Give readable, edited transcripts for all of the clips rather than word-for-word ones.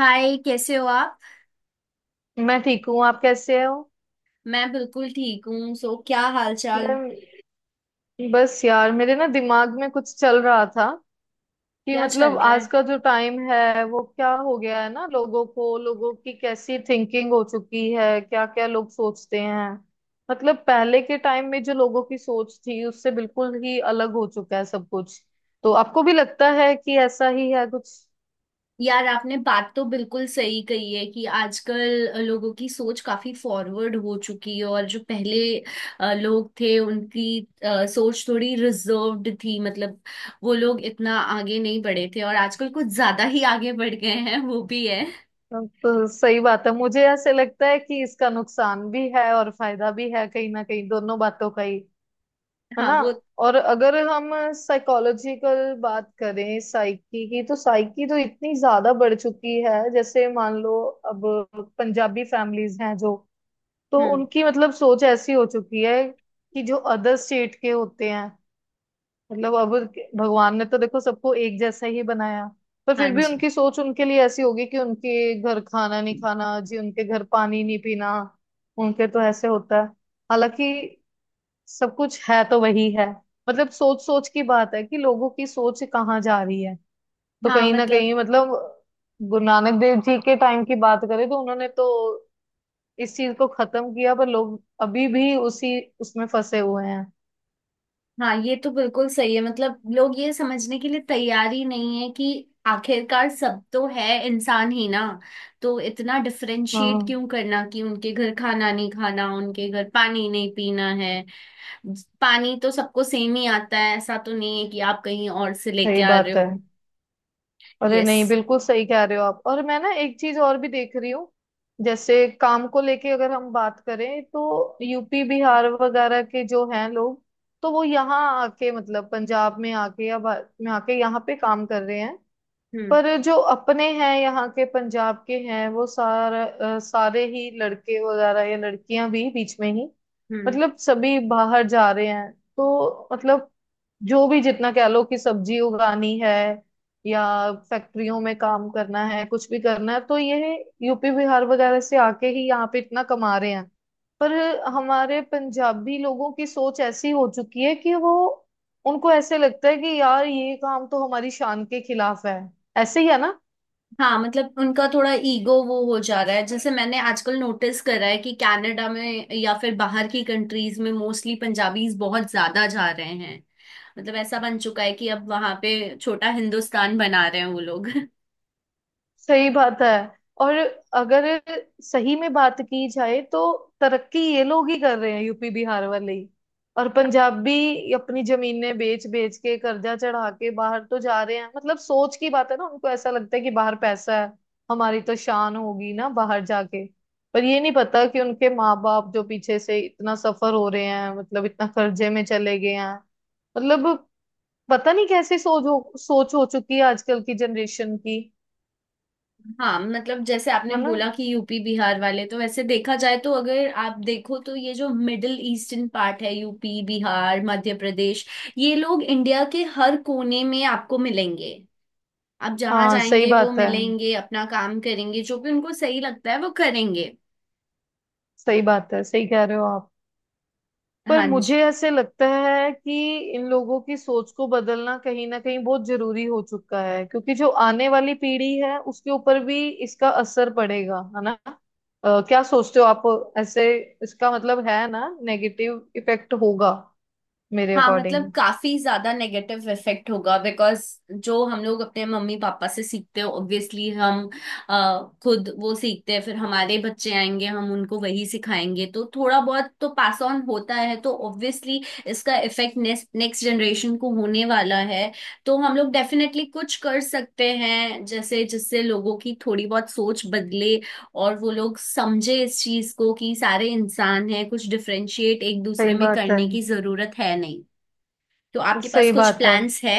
हाय, कैसे हो आप। मैं ठीक हूँ। आप कैसे हो? मैं बिल्कुल ठीक हूँ। सो क्या हाल चाल, यार, बस यार मेरे ना दिमाग में कुछ चल रहा था कि क्या चल मतलब रहा आज है। का जो टाइम है वो क्या हो गया है, ना लोगों की कैसी थिंकिंग हो चुकी है, क्या क्या लोग सोचते हैं। मतलब पहले के टाइम में जो लोगों की सोच थी उससे बिल्कुल ही अलग हो चुका है सब कुछ। तो आपको भी लगता है कि ऐसा ही है कुछ? यार, आपने बात तो बिल्कुल सही कही है कि आजकल लोगों की सोच काफी फॉरवर्ड हो चुकी है और जो पहले लोग थे उनकी सोच थोड़ी रिजर्व्ड थी। मतलब वो लोग इतना आगे नहीं बढ़े थे, और आजकल कुछ ज्यादा ही आगे बढ़ गए हैं, वो भी है। तो सही बात है, मुझे ऐसे लगता है कि इसका नुकसान भी है और फायदा भी है, कहीं ना कहीं दोनों बातों का ही। है हाँ ना? वो। और अगर हम साइकोलॉजिकल बात करें, साइकी की, तो साइकी तो इतनी ज्यादा बढ़ चुकी है। जैसे मान लो अब पंजाबी फैमिलीज हैं जो, तो हम्म। उनकी मतलब सोच ऐसी हो चुकी है कि जो अदर स्टेट के होते हैं, मतलब अब भगवान ने तो देखो सबको एक जैसा ही बनाया, पर हाँ फिर भी जी। उनकी सोच उनके लिए ऐसी होगी कि उनके घर खाना नहीं खाना जी, उनके घर पानी नहीं पीना, उनके तो ऐसे होता है। हालांकि सब कुछ है तो वही है। मतलब सोच सोच की बात है कि लोगों की सोच कहाँ जा रही है। तो हाँ कहीं ना मतलब। कहीं मतलब गुरु नानक देव जी के टाइम की बात करें तो उन्होंने तो इस चीज को खत्म किया, पर लोग अभी भी उसी उसमें फंसे हुए हैं। हाँ, ये तो बिल्कुल सही है। मतलब लोग ये समझने के लिए तैयार ही नहीं है कि आखिरकार सब तो है इंसान ही ना। तो इतना डिफरेंशिएट हाँ क्यों करना कि उनके घर खाना नहीं खाना, उनके घर पानी नहीं पीना है। पानी तो सबको सेम ही आता है, ऐसा तो नहीं है कि आप कहीं और से लेके सही आ रहे बात है। हो। अरे यस। नहीं, बिल्कुल सही कह रहे हो आप। और मैं ना एक चीज और भी देख रही हूँ। जैसे काम को लेके अगर हम बात करें तो यूपी बिहार वगैरह के जो हैं लोग, तो वो यहाँ आके, मतलब पंजाब में आके या भारत में आके यहाँ पे काम कर रहे हैं। हम्म। पर जो अपने हैं, यहाँ के पंजाब के हैं, वो सारा सारे ही लड़के वगैरह या लड़कियां भी बीच में ही, हम्म। मतलब सभी बाहर जा रहे हैं। तो मतलब जो भी जितना कह लो कि सब्जी उगानी है या फैक्ट्रियों में काम करना है, कुछ भी करना है, तो ये यूपी बिहार वगैरह से आके ही यहाँ पे इतना कमा रहे हैं। पर हमारे पंजाबी लोगों की सोच ऐसी हो चुकी है कि वो, उनको ऐसे लगता है कि यार ये काम तो हमारी शान के खिलाफ है। ऐसे ही है ना? हाँ मतलब उनका थोड़ा ईगो वो हो जा रहा है। जैसे मैंने आजकल नोटिस करा है कि कनाडा में या फिर बाहर की कंट्रीज में मोस्टली पंजाबीज बहुत ज्यादा जा रहे हैं। मतलब ऐसा बन चुका है कि अब वहां पे छोटा हिंदुस्तान बना रहे हैं वो लोग सही बात है। और अगर सही में बात की जाए तो तरक्की ये लोग ही कर रहे हैं, यूपी बिहार वाले ही। और पंजाब भी अपनी जमीनें बेच बेच के कर्जा चढ़ा के बाहर तो जा रहे हैं। मतलब सोच की बात है ना, उनको ऐसा लगता है कि बाहर पैसा है, हमारी तो शान होगी ना बाहर जाके। पर ये नहीं पता कि उनके माँ बाप जो पीछे से इतना सफर हो रहे हैं, मतलब इतना कर्जे में चले गए हैं, मतलब पता नहीं कैसी सोच हो चुकी है आजकल की जनरेशन की। हाँ मतलब जैसे आपने है ना? बोला कि यूपी बिहार वाले, तो वैसे देखा जाए तो अगर आप देखो तो ये जो मिडिल ईस्टर्न पार्ट है, यूपी बिहार मध्य प्रदेश, ये लोग इंडिया के हर कोने में आपको मिलेंगे। आप जहां हाँ सही जाएंगे वो बात है। मिलेंगे, अपना काम करेंगे, जो भी उनको सही लगता है वो करेंगे। सही बात है, सही कह रहे हो आप। पर हाँ मुझे जी। ऐसे लगता है कि इन लोगों की सोच को बदलना कहीं ना कहीं बहुत जरूरी हो चुका है, क्योंकि जो आने वाली पीढ़ी है उसके ऊपर भी इसका असर पड़ेगा। है ना? क्या सोचते हो आप ऐसे? इसका मतलब है ना नेगेटिव इफेक्ट होगा, मेरे हाँ मतलब अकॉर्डिंग। काफी ज्यादा नेगेटिव इफेक्ट होगा। बिकॉज जो हम लोग अपने मम्मी पापा से सीखते हैं, ऑब्वियसली हम खुद वो सीखते हैं, फिर हमारे बच्चे आएंगे, हम उनको वही सिखाएंगे। तो थोड़ा बहुत तो पास ऑन होता है। तो ऑब्वियसली इसका इफेक्ट नेक्स्ट नेक्स्ट जनरेशन को होने वाला है। तो हम लोग डेफिनेटली कुछ कर सकते हैं जैसे, जिससे लोगों की थोड़ी बहुत सोच बदले और वो लोग समझे इस चीज को कि सारे इंसान हैं, कुछ डिफरेंशिएट एक सही दूसरे में बात है। करने की जरूरत है नहीं। तो आपके पास सही कुछ बात है। प्लान्स है।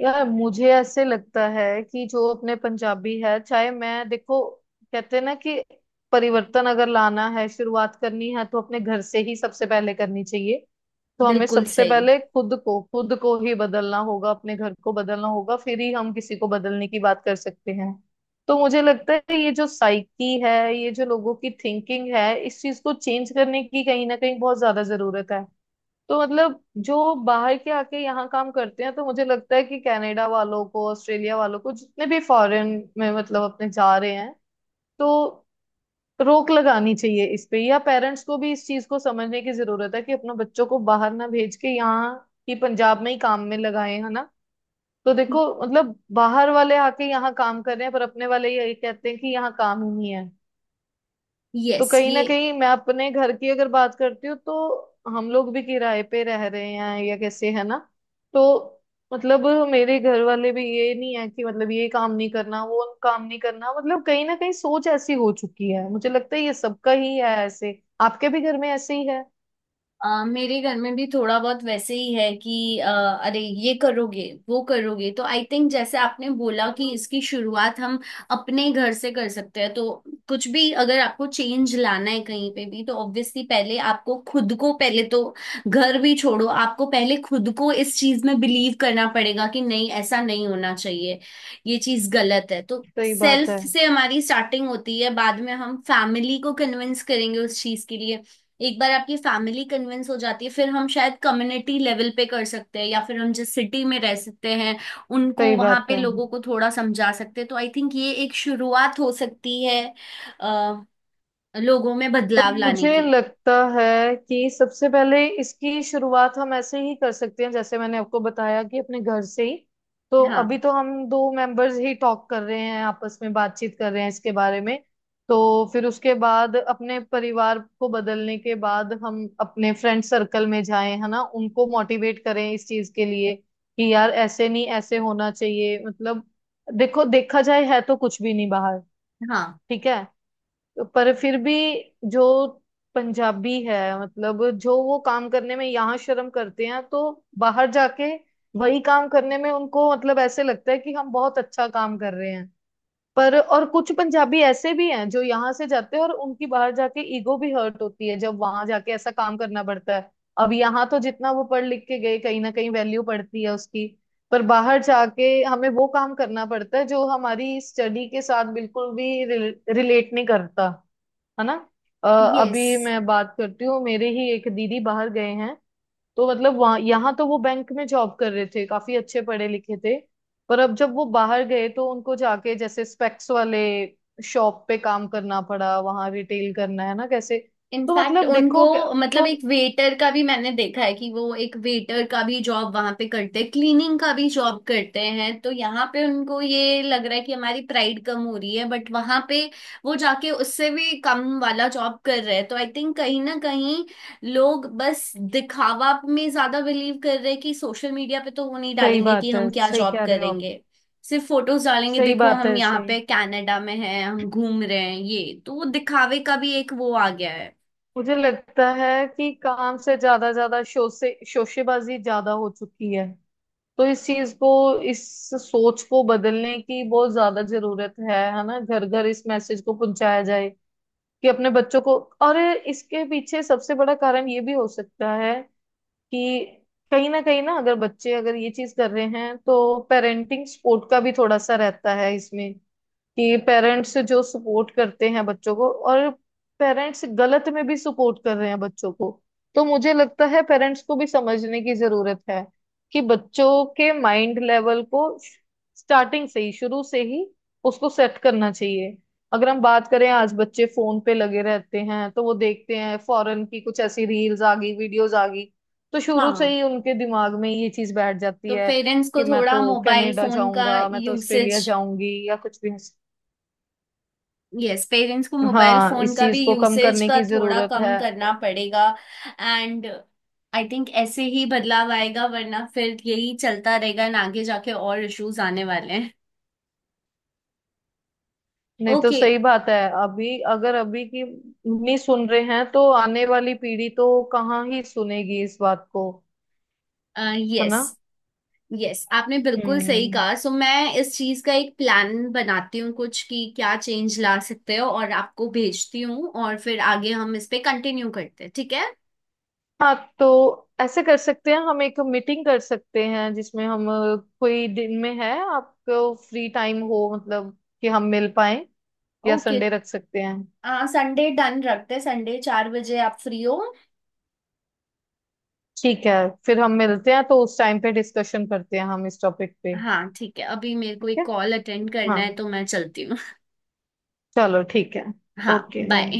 यार मुझे ऐसे लगता है कि जो अपने पंजाबी है, चाहे मैं देखो, कहते हैं ना कि परिवर्तन अगर लाना है, शुरुआत करनी है, तो अपने घर से ही सबसे पहले करनी चाहिए। तो हमें बिल्कुल सबसे सही। पहले खुद को ही बदलना होगा, अपने घर को बदलना होगा, फिर ही हम किसी को बदलने की बात कर सकते हैं। तो मुझे लगता है ये जो साइकी है, ये जो लोगों की थिंकिंग है, इस चीज को चेंज करने की कहीं ना कहीं बहुत ज्यादा जरूरत है। तो मतलब जो बाहर के आके यहाँ काम करते हैं, तो मुझे लगता है कि कनाडा वालों को, ऑस्ट्रेलिया वालों को, जितने भी फॉरेन में मतलब अपने जा रहे हैं, तो रोक लगानी चाहिए इस पे। या पेरेंट्स को भी इस चीज को समझने की जरूरत है कि अपने बच्चों को बाहर ना भेज के यहाँ ही पंजाब में ही काम में लगाए। है ना? तो देखो मतलब बाहर वाले आके यहाँ काम कर रहे हैं, पर अपने वाले ये कहते हैं कि यहाँ काम ही नहीं है। तो यस कहीं ये। ना कहीं मैं अपने घर की अगर बात करती हूँ तो हम लोग भी किराए पे रह रहे हैं या कैसे। है ना? तो मतलब मेरे घर वाले भी ये नहीं है कि मतलब ये काम नहीं करना, वो काम नहीं करना। मतलब कहीं ना कहीं सोच ऐसी हो चुकी है। मुझे लगता है ये सबका ही है ऐसे, आपके भी घर में ऐसे ही है। मेरे घर में भी थोड़ा बहुत वैसे ही है कि अरे ये करोगे, वो करोगे। तो आई थिंक जैसे आपने बोला कि इसकी शुरुआत हम अपने घर से कर सकते हैं। तो कुछ भी अगर आपको चेंज लाना है कहीं पे भी तो ऑब्वियसली पहले आपको खुद को, पहले तो घर भी छोड़ो, आपको पहले खुद को इस चीज में बिलीव करना पड़ेगा कि नहीं, ऐसा नहीं होना चाहिए, ये चीज गलत है। तो सही बात सेल्फ है। से हमारी स्टार्टिंग होती है, बाद में हम फैमिली को कन्विंस करेंगे उस चीज के लिए। एक बार आपकी फैमिली कन्विंस हो जाती है, फिर हम शायद कम्युनिटी लेवल पे कर सकते हैं, या फिर हम जिस सिटी में रह सकते हैं उनको सही वहां बात पे है। लोगों को थोड़ा समझा सकते हैं। तो आई थिंक ये एक शुरुआत हो सकती है, अ, लोगों में बदलाव लाने मुझे की। लगता है कि सबसे पहले इसकी शुरुआत हम ऐसे ही कर सकते हैं, जैसे मैंने आपको बताया कि अपने घर से ही। तो अभी हाँ। तो हम दो मेंबर्स ही टॉक कर रहे हैं, आपस में बातचीत कर रहे हैं इसके बारे में। तो फिर उसके बाद अपने परिवार को बदलने के बाद हम अपने फ्रेंड सर्कल में जाएं, है ना, उनको मोटिवेट करें इस चीज के लिए कि यार ऐसे नहीं, ऐसे होना चाहिए। मतलब देखो, देखा जाए है तो कुछ भी नहीं बाहर। हाँ। ठीक है? पर फिर भी जो पंजाबी है, मतलब जो वो काम करने में यहाँ शर्म करते हैं, तो बाहर जाके वही काम करने में उनको मतलब ऐसे लगता है कि हम बहुत अच्छा काम कर रहे हैं। पर और कुछ पंजाबी ऐसे भी हैं जो यहाँ से जाते हैं और उनकी बाहर जाके ईगो भी हर्ट होती है, जब वहां जाके ऐसा काम करना पड़ता है। अब यहाँ तो जितना वो पढ़ लिख के गए कहीं ना कहीं वैल्यू पड़ती है उसकी, पर बाहर जाके हमें वो काम करना पड़ता है जो हमारी स्टडी के साथ बिल्कुल भी रिलेट नहीं करता। है ना? अ, यस। अभी मैं बात करती हूँ, मेरे ही एक दीदी बाहर गए हैं। तो मतलब वहाँ, यहाँ तो वो बैंक में जॉब कर रहे थे, काफी अच्छे पढ़े लिखे थे। पर अब जब वो बाहर गए तो उनको जाके जैसे स्पेक्स वाले शॉप पे काम करना पड़ा, वहां रिटेल करना, है ना कैसे। तो इनफैक्ट मतलब उनको, देखो मतलब तो एक वेटर का भी मैंने देखा है कि वो एक वेटर का भी जॉब वहां पे करते हैं, क्लीनिंग का भी जॉब करते हैं। तो यहाँ पे उनको ये लग रहा है कि हमारी प्राइड कम हो रही है, बट वहां पे वो जाके उससे भी कम वाला जॉब कर रहे हैं। तो आई थिंक कहीं ना कहीं लोग बस दिखावा में ज्यादा बिलीव कर रहे हैं कि सोशल मीडिया पे तो वो नहीं सही डालेंगे कि बात हम है, क्या सही जॉब कह रहे हो आप। करेंगे, सिर्फ फोटोज डालेंगे सही देखो बात हम है, यहाँ सही। पे कनाडा में हैं, हम घूम रहे हैं। ये तो वो दिखावे का भी एक वो आ गया है। मुझे लगता है कि काम से ज्यादा, ज्यादा शो से, शोशेबाजी ज्यादा हो चुकी है। तो इस चीज को, इस सोच को बदलने की बहुत ज्यादा जरूरत है। है ना? घर घर इस मैसेज को पहुंचाया जाए कि अपने बच्चों को। और इसके पीछे सबसे बड़ा कारण ये भी हो सकता है कि कहीं ना कहीं ना, अगर बच्चे अगर ये चीज कर रहे हैं तो पेरेंटिंग सपोर्ट का भी थोड़ा सा रहता है इसमें, कि पेरेंट्स जो सपोर्ट करते हैं बच्चों को, और पेरेंट्स गलत में भी सपोर्ट कर रहे हैं बच्चों को। तो मुझे लगता है पेरेंट्स को भी समझने की जरूरत है कि बच्चों के माइंड लेवल को स्टार्टिंग से ही, शुरू से ही उसको सेट करना चाहिए। अगर हम बात करें, आज बच्चे फोन पे लगे रहते हैं तो वो देखते हैं फॉरेन की कुछ ऐसी रील्स आ गई, वीडियोस आ गई, तो शुरू से हाँ ही उनके दिमाग में ये चीज बैठ जाती तो है पेरेंट्स को कि मैं थोड़ा तो मोबाइल कनाडा फोन का जाऊंगा, मैं तो यूसेज। ऑस्ट्रेलिया जाऊंगी, या कुछ भी। यस, पेरेंट्स को मोबाइल हाँ फोन इस का भी चीज को कम यूसेज करने का की थोड़ा जरूरत है। कम करना पड़ेगा। एंड आई थिंक ऐसे ही बदलाव आएगा, वरना फिर यही चलता रहेगा and आगे जाके और इश्यूज आने वाले हैं। नहीं तो ओके। सही बात है। अभी की नहीं सुन रहे हैं तो आने वाली पीढ़ी तो कहाँ ही सुनेगी इस बात को। है यस। ना? यस, आपने बिल्कुल सही हम्म। कहा। सो मैं इस चीज का एक प्लान बनाती हूँ कुछ कि क्या चेंज ला सकते हो, और आपको भेजती हूँ, और फिर आगे हम इस पे कंटिन्यू करते हैं, ठीक है। हाँ तो ऐसे कर सकते हैं, हम एक मीटिंग कर सकते हैं जिसमें हम कोई दिन में है आपको फ्री टाइम हो, मतलब कि हम मिल पाए। या ओके। संडे रख सकते हैं। संडे डन रखते हैं। संडे 4 बजे आप फ्री हो। ठीक है, फिर हम मिलते हैं, तो उस टाइम पे डिस्कशन करते हैं हम इस टॉपिक पे। हाँ ठीक है, अभी मेरे को ठीक एक है। कॉल अटेंड हाँ करना है तो मैं चलती हूँ। चलो ठीक है। हाँ ओके बाय। बाय।